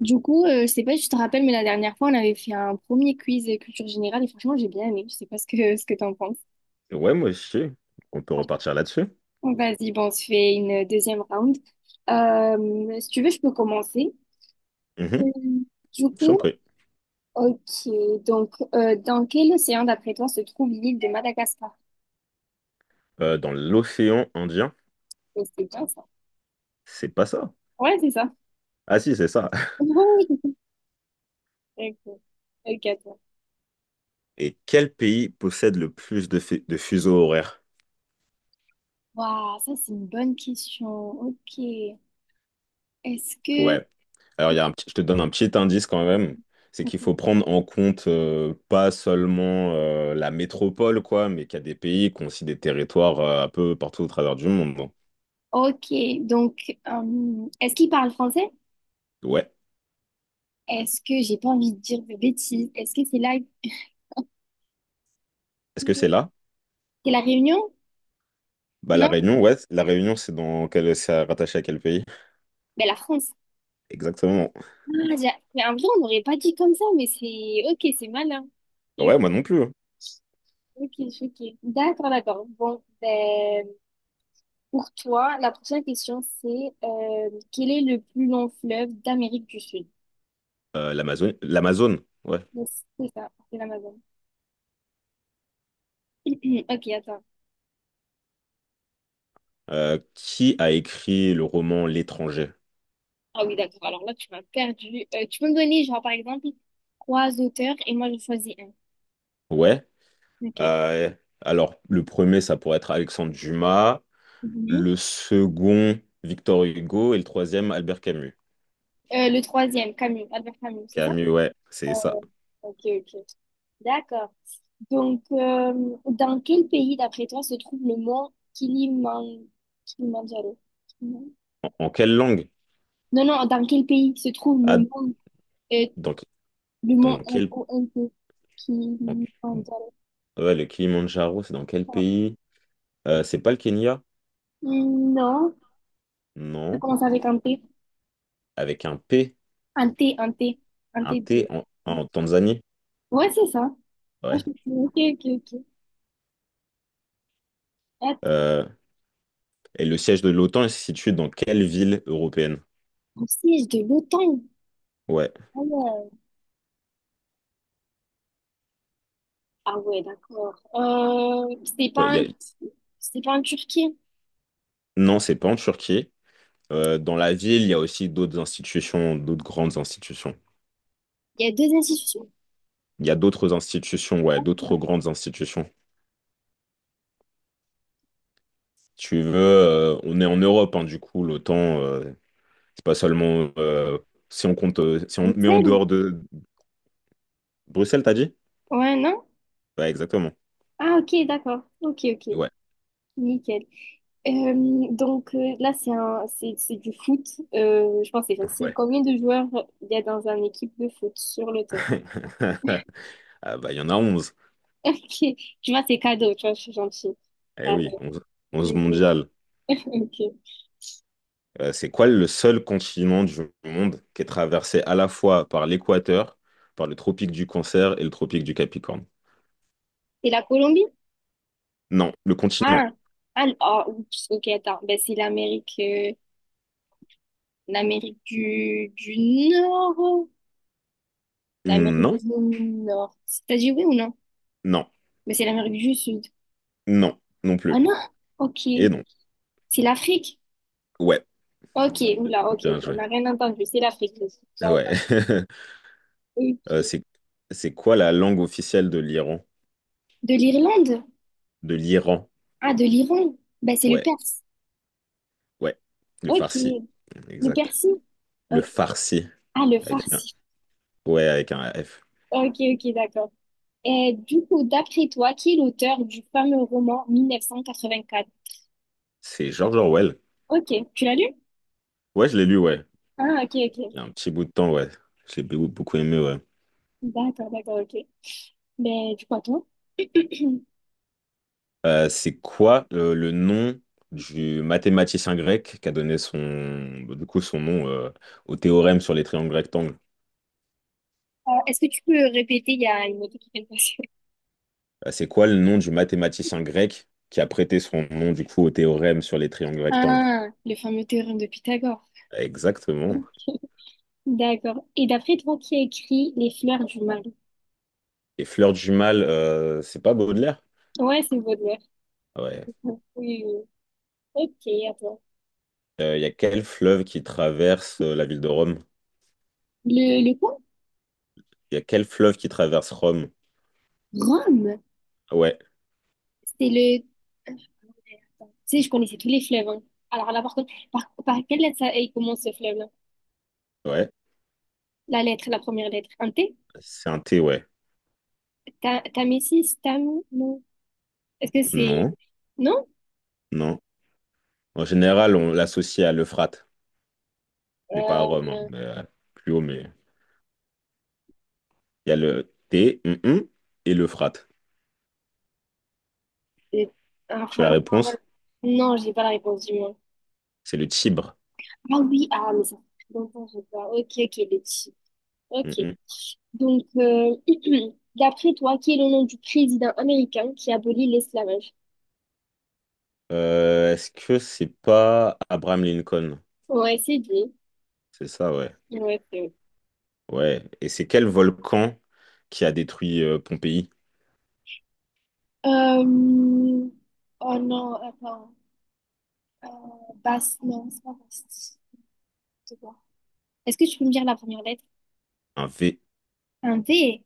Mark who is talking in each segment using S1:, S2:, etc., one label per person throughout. S1: Du coup, je sais pas si tu te rappelles, mais la dernière fois, on avait fait un premier quiz culture générale et franchement, j'ai bien aimé. Je sais pas ce que, ce que t'en penses.
S2: Ouais, moi aussi. On peut repartir là-dessus.
S1: Vas-y, bon, on se fait une deuxième round. Si tu veux, je peux commencer. Euh,
S2: Mhm,
S1: Du
S2: je t'en
S1: coup,
S2: prie.
S1: ok, donc, dans quel océan, d'après toi, se trouve l'île de Madagascar?
S2: Dans l'océan Indien,
S1: Mais c'est bien ça.
S2: c'est pas ça.
S1: Ouais, c'est ça.
S2: Ah si, c'est ça.
S1: Oui. Ok, ok, à toi.
S2: Et quel pays possède le plus de, de fuseaux horaires?
S1: Waouh, ça, c'est une bonne question. Ok. Est-ce que...
S2: Ouais. Alors, il y a je te donne un petit indice quand même. C'est qu'il faut prendre en compte pas seulement la métropole, quoi, mais qu'il y a des pays qui ont aussi des territoires un peu partout au travers du monde, hein.
S1: Ok, donc est-ce qu'il parle français?
S2: Ouais.
S1: Est-ce que j'ai pas envie de dire de bêtises? Est-ce que c'est là
S2: Est-ce
S1: que-
S2: que c'est là?
S1: c'est la Réunion?
S2: Bah, la
S1: Non?
S2: Réunion, ouais. La Réunion, c'est dans quel... c'est rattaché à quel pays?
S1: Ben la France.
S2: Exactement.
S1: Ah, j'ai mais en vrai on n'aurait pas dit comme ça, mais c'est ok, c'est malin. Ok,
S2: Ouais, moi non plus, hein.
S1: ok, je suis ok. D'accord, d'accord. Bon, ben pour toi, la prochaine question c'est quel est le plus long fleuve d'Amérique du Sud?
S2: L'Amazon, l'Amazone, ouais.
S1: Yes, c'est ça, c'est l'Amazon. Ok, attends.
S2: Qui a écrit le roman L'étranger?
S1: Ah oui, d'accord. Alors là, tu m'as perdu. Tu peux me donner, genre, par exemple, trois auteurs et moi, je choisis un.
S2: Ouais.
S1: Ok.
S2: Euh, alors, le premier, ça pourrait être Alexandre Dumas.
S1: Mhm.
S2: Le second, Victor Hugo. Et le troisième, Albert Camus.
S1: Le troisième, Camus, Albert Camus, c'est ça?
S2: Camus, ouais, c'est ça.
S1: Ok, ok. D'accord. Donc, dans quel pays, d'après toi, se trouve le mont Kilimanjaro? Non,
S2: En quelle langue?
S1: non, dans quel pays se trouve
S2: Ah,
S1: euh,
S2: dans,
S1: le mont
S2: dans quel...
S1: MONT,
S2: en-
S1: Kilimanjaro?
S2: ouais, le Kilimandjaro, c'est dans quel pays? C'est pas le Kenya?
S1: Hmm, non, ça
S2: Non.
S1: commence avec un T.
S2: Avec un P,
S1: Un T, un T, un
S2: un
S1: T
S2: T
S1: de...
S2: en Tanzanie?
S1: Ouais, c'est ça. Ah,
S2: Ouais.
S1: Ok, ok, ok. Attends,
S2: Euh, et le siège de l'OTAN est situé dans quelle ville européenne?
S1: un siège de l'OTAN.
S2: Ouais,
S1: Ah ouais, ah ouais, d'accord. C'est
S2: ouais,
S1: pas un... c'est pas en Turquie.
S2: non, c'est pas en Turquie. Dans la ville, il y a aussi d'autres institutions, d'autres grandes institutions.
S1: Il y a deux institutions.
S2: Il y a d'autres institutions, ouais, d'autres grandes institutions. Si tu veux, on est en Europe, hein, du coup, l'OTAN, c'est pas seulement si on compte, si on met en
S1: Bruxelles?
S2: dehors de Bruxelles, t'as dit?
S1: Ouais, non?
S2: Ouais, exactement.
S1: Ah ok, d'accord. Ok, ok.
S2: Ouais,
S1: Nickel. Donc là, c'est du foot. Je pense que c'est facile.
S2: ouais.
S1: Combien de joueurs il y a dans une équipe de foot sur le terrain?
S2: Ah bah, il y en a 11.
S1: Ok. Tu vois, c'est cadeau. Tu vois, je suis gentille.
S2: Eh
S1: Allez,
S2: oui, 11, 11
S1: d'accord.
S2: mondiales.
S1: Ok.
S2: C'est quoi le seul continent du monde qui est traversé à la fois par l'équateur, par le tropique du Cancer et le tropique du Capricorne?
S1: Et la Colombie?
S2: Non, le continent.
S1: Ah, ah, ah, oups, ok, attends. Ben, c'est l'Amérique l'Amérique du Nord. L'Amérique
S2: Non,
S1: du Nord. C'est t'as dit oui ou non?
S2: non,
S1: Mais c'est l'Amérique du Sud.
S2: non, non
S1: Ah
S2: plus.
S1: non? Ok.
S2: Et non.
S1: C'est l'Afrique?
S2: Ouais,
S1: Ok, oula, ok, ok.
S2: bien
S1: On
S2: joué.
S1: n'a rien entendu. C'est l'Afrique. Le Sud. Bien.
S2: Ouais. Euh,
S1: Ok.
S2: c'est, c'est quoi la langue officielle de l'Iran?
S1: De l'Irlande?
S2: De l'Iran.
S1: Ah, de l'Iran? Ben, c'est le
S2: Ouais,
S1: Perse.
S2: ouais. Le
S1: Ok.
S2: farsi.
S1: Le
S2: Exact.
S1: Persie?
S2: Le
S1: Ok.
S2: farsi.
S1: Ah, le
S2: Avec un...
S1: Farsi.
S2: Ouais, avec un F.
S1: Ok, ok, d'accord. Et du coup, d'après toi, qui est l'auteur du fameux roman 1984?
S2: C'est George Orwell.
S1: Ok, tu l'as lu?
S2: Ouais, je l'ai lu, ouais.
S1: Ah, ok,
S2: Il
S1: ok.
S2: y a un petit bout de temps, ouais. J'ai beaucoup beaucoup aimé, ouais.
S1: D'accord, d'accord, ok. Ben, du coup, à toi.
S2: C'est quoi le nom du mathématicien grec qui a donné son, du coup, son nom au théorème sur les triangles rectangles?
S1: Est-ce que tu peux répéter? Il y a une moto qui vient de passer.
S2: C'est quoi le nom du mathématicien grec qui a prêté son nom du coup au théorème sur les triangles rectangles?
S1: Ah, le fameux théorème de Pythagore.
S2: Exactement.
S1: D'accord. Et d'après toi, qui a écrit Les fleurs du mal?
S2: Et Fleur du Mal, c'est pas Baudelaire?
S1: Ouais, c'est Baudelaire.
S2: Ah ouais.
S1: Oui, oui, oui. Ok, à toi.
S2: Il y a quel fleuve qui traverse la ville de Rome?
S1: Le quoi?
S2: Il y a quel fleuve qui traverse Rome?
S1: Rome?
S2: Ah ouais,
S1: C'est le... Tu sais, je connaissais tous les fleuves, hein. Alors là, par contre, par quelle lettre ça, il commence ce fleuve-là?
S2: ouais.
S1: La lettre, la première lettre. Un T?
S2: C'est un T, ouais.
S1: Ta- Tamésis? Tam... Non. Est-ce que c'est...
S2: Non,
S1: Non?
S2: non. En général, on l'associe à l'Euphrate, mais pas à
S1: Euh,
S2: Rome, hein, mais, plus haut, mais il y a le T et l'Euphrate.
S1: et- ah,
S2: Tu as
S1: fra-
S2: la
S1: non, mais-
S2: réponse?
S1: non, j'ai pas la réponse du moins.
S2: C'est le Tibre.
S1: Ah oui, ah, mais ça fait très longtemps, je vois. Ok, ok, les petits. Ok.
S2: Hum, hum.
S1: Donc, d'après toi, qui est le nom du président américain qui abolit l'esclavage?
S2: Est-ce que c'est pas Abraham Lincoln?
S1: Ouais, c'est lui.
S2: C'est ça, ouais.
S1: Ouais, c'est lui.
S2: Ouais. Et c'est quel volcan qui a détruit Pompéi?
S1: Euh, Oh non, attends. Euh, Bast, non, c'est pas Bast. C'est quoi? Est-ce que tu peux me dire la première lettre?
S2: Un V.
S1: Un V.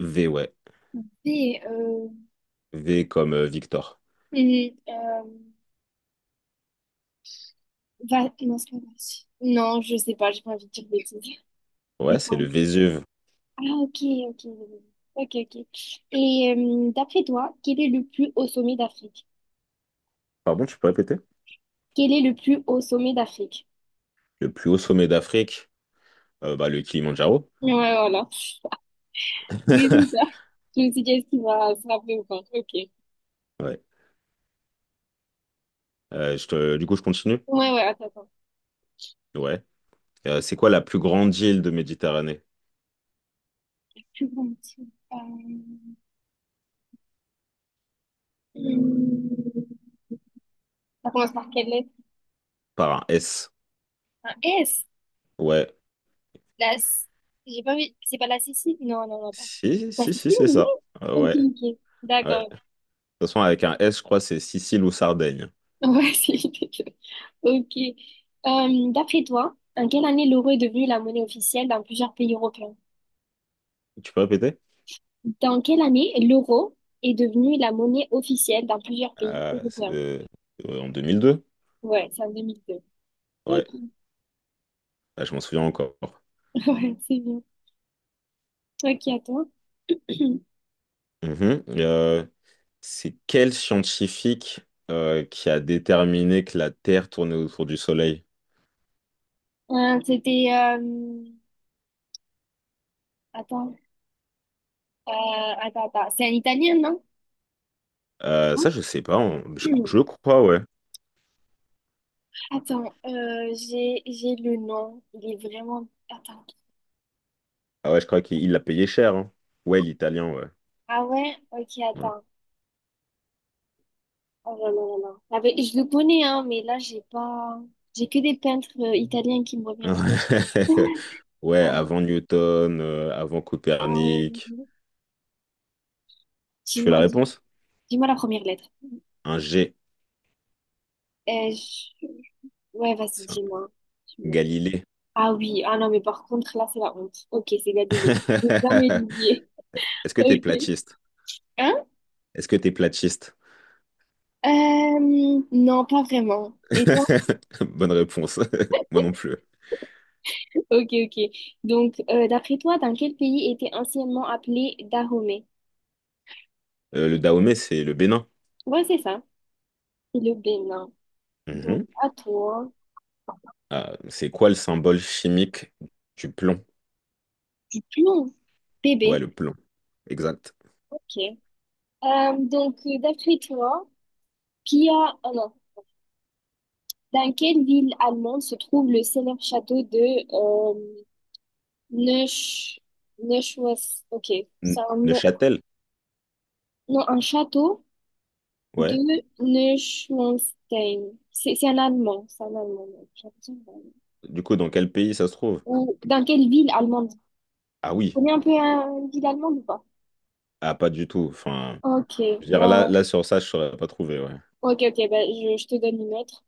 S2: V, ouais.
S1: V,
S2: V comme Victor.
S1: hum, euh, Va... Non, c'est pas Varsovie. Non, je sais pas, j'ai pas envie de dire de bêtises.
S2: Ouais,
S1: C'est
S2: c'est
S1: quoi?
S2: le Vésuve.
S1: Ah, ok, ok, ok, ok. Et d'après toi, quel est le plus haut sommet d'Afrique?
S2: Pardon, tu peux répéter?
S1: Quel est le plus haut sommet d'Afrique?
S2: Le plus haut sommet d'Afrique, bah, le Kilimandjaro.
S1: Ouais, voilà. Oui, c'est ça. Je me suis dit, est-ce qu'il va se rappeler ou pas? Ok.
S2: Ouais. Du coup, je continue.
S1: Ouais, ouais, attends, attends.
S2: Ouais. C'est quoi la plus grande île de Méditerranée?
S1: Plus grand métier. Euh... hum, Ça commence par quelle lettre?
S2: Par un S.
S1: Un S.
S2: Ouais.
S1: La... S- J'ai pas envie. C'est pas la Sicile? Non, non, non, attends.
S2: Si,
S1: La
S2: si, si,
S1: Sicile,
S2: c'est
S1: oui.
S2: ça.
S1: Ok,
S2: Ouais.
S1: ok.
S2: Ouais.
S1: D'accord.
S2: De toute façon, avec un S, je crois, c'est Sicile ou Sardaigne.
S1: Ouais, c'est ridicule. Ok. D'après toi, en quelle année l'euro est devenu la monnaie officielle dans plusieurs pays européens?
S2: Tu peux répéter?
S1: Dans quelle année l'euro est devenu la monnaie officielle dans plusieurs pays
S2: C'est,
S1: européens?
S2: en 2002?
S1: Ouais, c'est en 2002.
S2: Ouais.
S1: Ok,
S2: Ah, je m'en souviens encore.
S1: ouais, c'est bien. Ok, attends.
S2: Mhm. C'est quel scientifique qui a déterminé que la Terre tournait autour du Soleil?
S1: Euh, c'était... euh, Attends. Euh, Attends, attends. C'est un Italien, non?
S2: Ça, je sais pas. Je crois, ouais.
S1: Attends, j'ai le nom. Il est vraiment... Attends.
S2: Ah ouais, je crois qu'il il l'a payé cher, hein. Ouais, l'italien, ouais.
S1: Ah ouais? Ok,
S2: Ouais.
S1: attends. Oh là là là là. Ah ben, je le connais, hein, mais là, j'ai pas... J'ai que des peintres italiens qui me reviennent.
S2: Ouais,
S1: Ah,
S2: avant Newton, avant Copernic.
S1: ouais.
S2: Tu fais
S1: Dis-moi,
S2: la
S1: dis-
S2: réponse?
S1: dis-moi la première lettre.
S2: Un G.
S1: Euh, je- Ouais, vas-y,
S2: C'est un
S1: dis-moi. Dis-moi.
S2: Galilée.
S1: Ah oui, ah non, mais par contre, là, c'est la honte. Ok, c'est Galilée. Je vais jamais l'oublier.
S2: Est-ce que t'es
S1: Ok.
S2: platiste?
S1: Hein?
S2: Est-ce que t'es platiste?
S1: Non, pas vraiment. Et toi?
S2: Bonne réponse. Moi non plus.
S1: Ok, ok. Donc, d'après toi, dans quel pays était anciennement appelé Dahomey?
S2: Le Dahomey, c'est le Bénin.
S1: Ouais, c'est ça. C'est le Bénin. Donc,
S2: Mhm.
S1: à toi.
S2: Ah, c'est quoi le symbole chimique du plomb?
S1: Non,
S2: Ouais,
S1: bébé,
S2: le plomb. Exact.
S1: ok. Donc, d'après toi, Pia, ah non, dans quelle ville allemande se trouve le célèbre château de euh, Neusch... Neuschwanstein? Ok, c'est un, nom-
S2: Neuchâtel?
S1: non, un château de
S2: Ouais.
S1: Neuschwanstein. C'est un allemand, c'est un allemand, donc j'ai l'impression que c'est un Allemand.
S2: Du coup, dans quel pays ça se trouve?
S1: Ou dans quelle ville allemande? Tu
S2: Ah oui.
S1: connais un peu une ville allemande ou pas?
S2: Ah, pas du tout. Enfin,
S1: Ok,
S2: je veux dire, là,
S1: bon.
S2: là sur ça, je saurais pas trouver, ouais.
S1: Ok, ok, ben, je te donne une autre.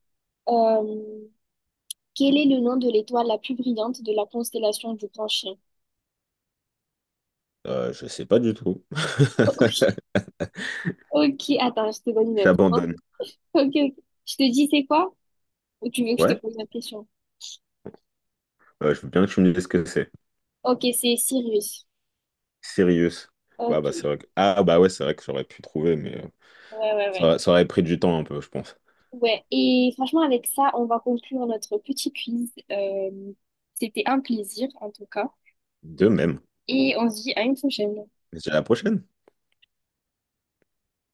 S1: Euh, Quel est le nom de l'étoile la plus brillante de la constellation du Grand Chien?
S2: Je sais pas du tout.
S1: Ok, ok, attends, je te donne une autre, hein.
S2: J'abandonne.
S1: Ok, ok. Je te dis c'est quoi? Ou tu veux que je te
S2: Ouais,
S1: pose la question?
S2: je veux bien que tu me dises ce que c'est.
S1: Ok, c'est Sirius.
S2: Sirius. Ouais,
S1: Ok,
S2: bah c'est
S1: ouais,
S2: vrai que... Ah bah ouais, c'est vrai que j'aurais pu trouver, mais
S1: ouais,
S2: ça,
S1: ouais.
S2: aurait ça aurait pris du temps un peu, je pense.
S1: Ouais, et franchement, avec ça, on va conclure notre petit quiz. C'était un plaisir, en tout cas.
S2: De même.
S1: Et on se dit à une prochaine.
S2: Mais c'est à la prochaine.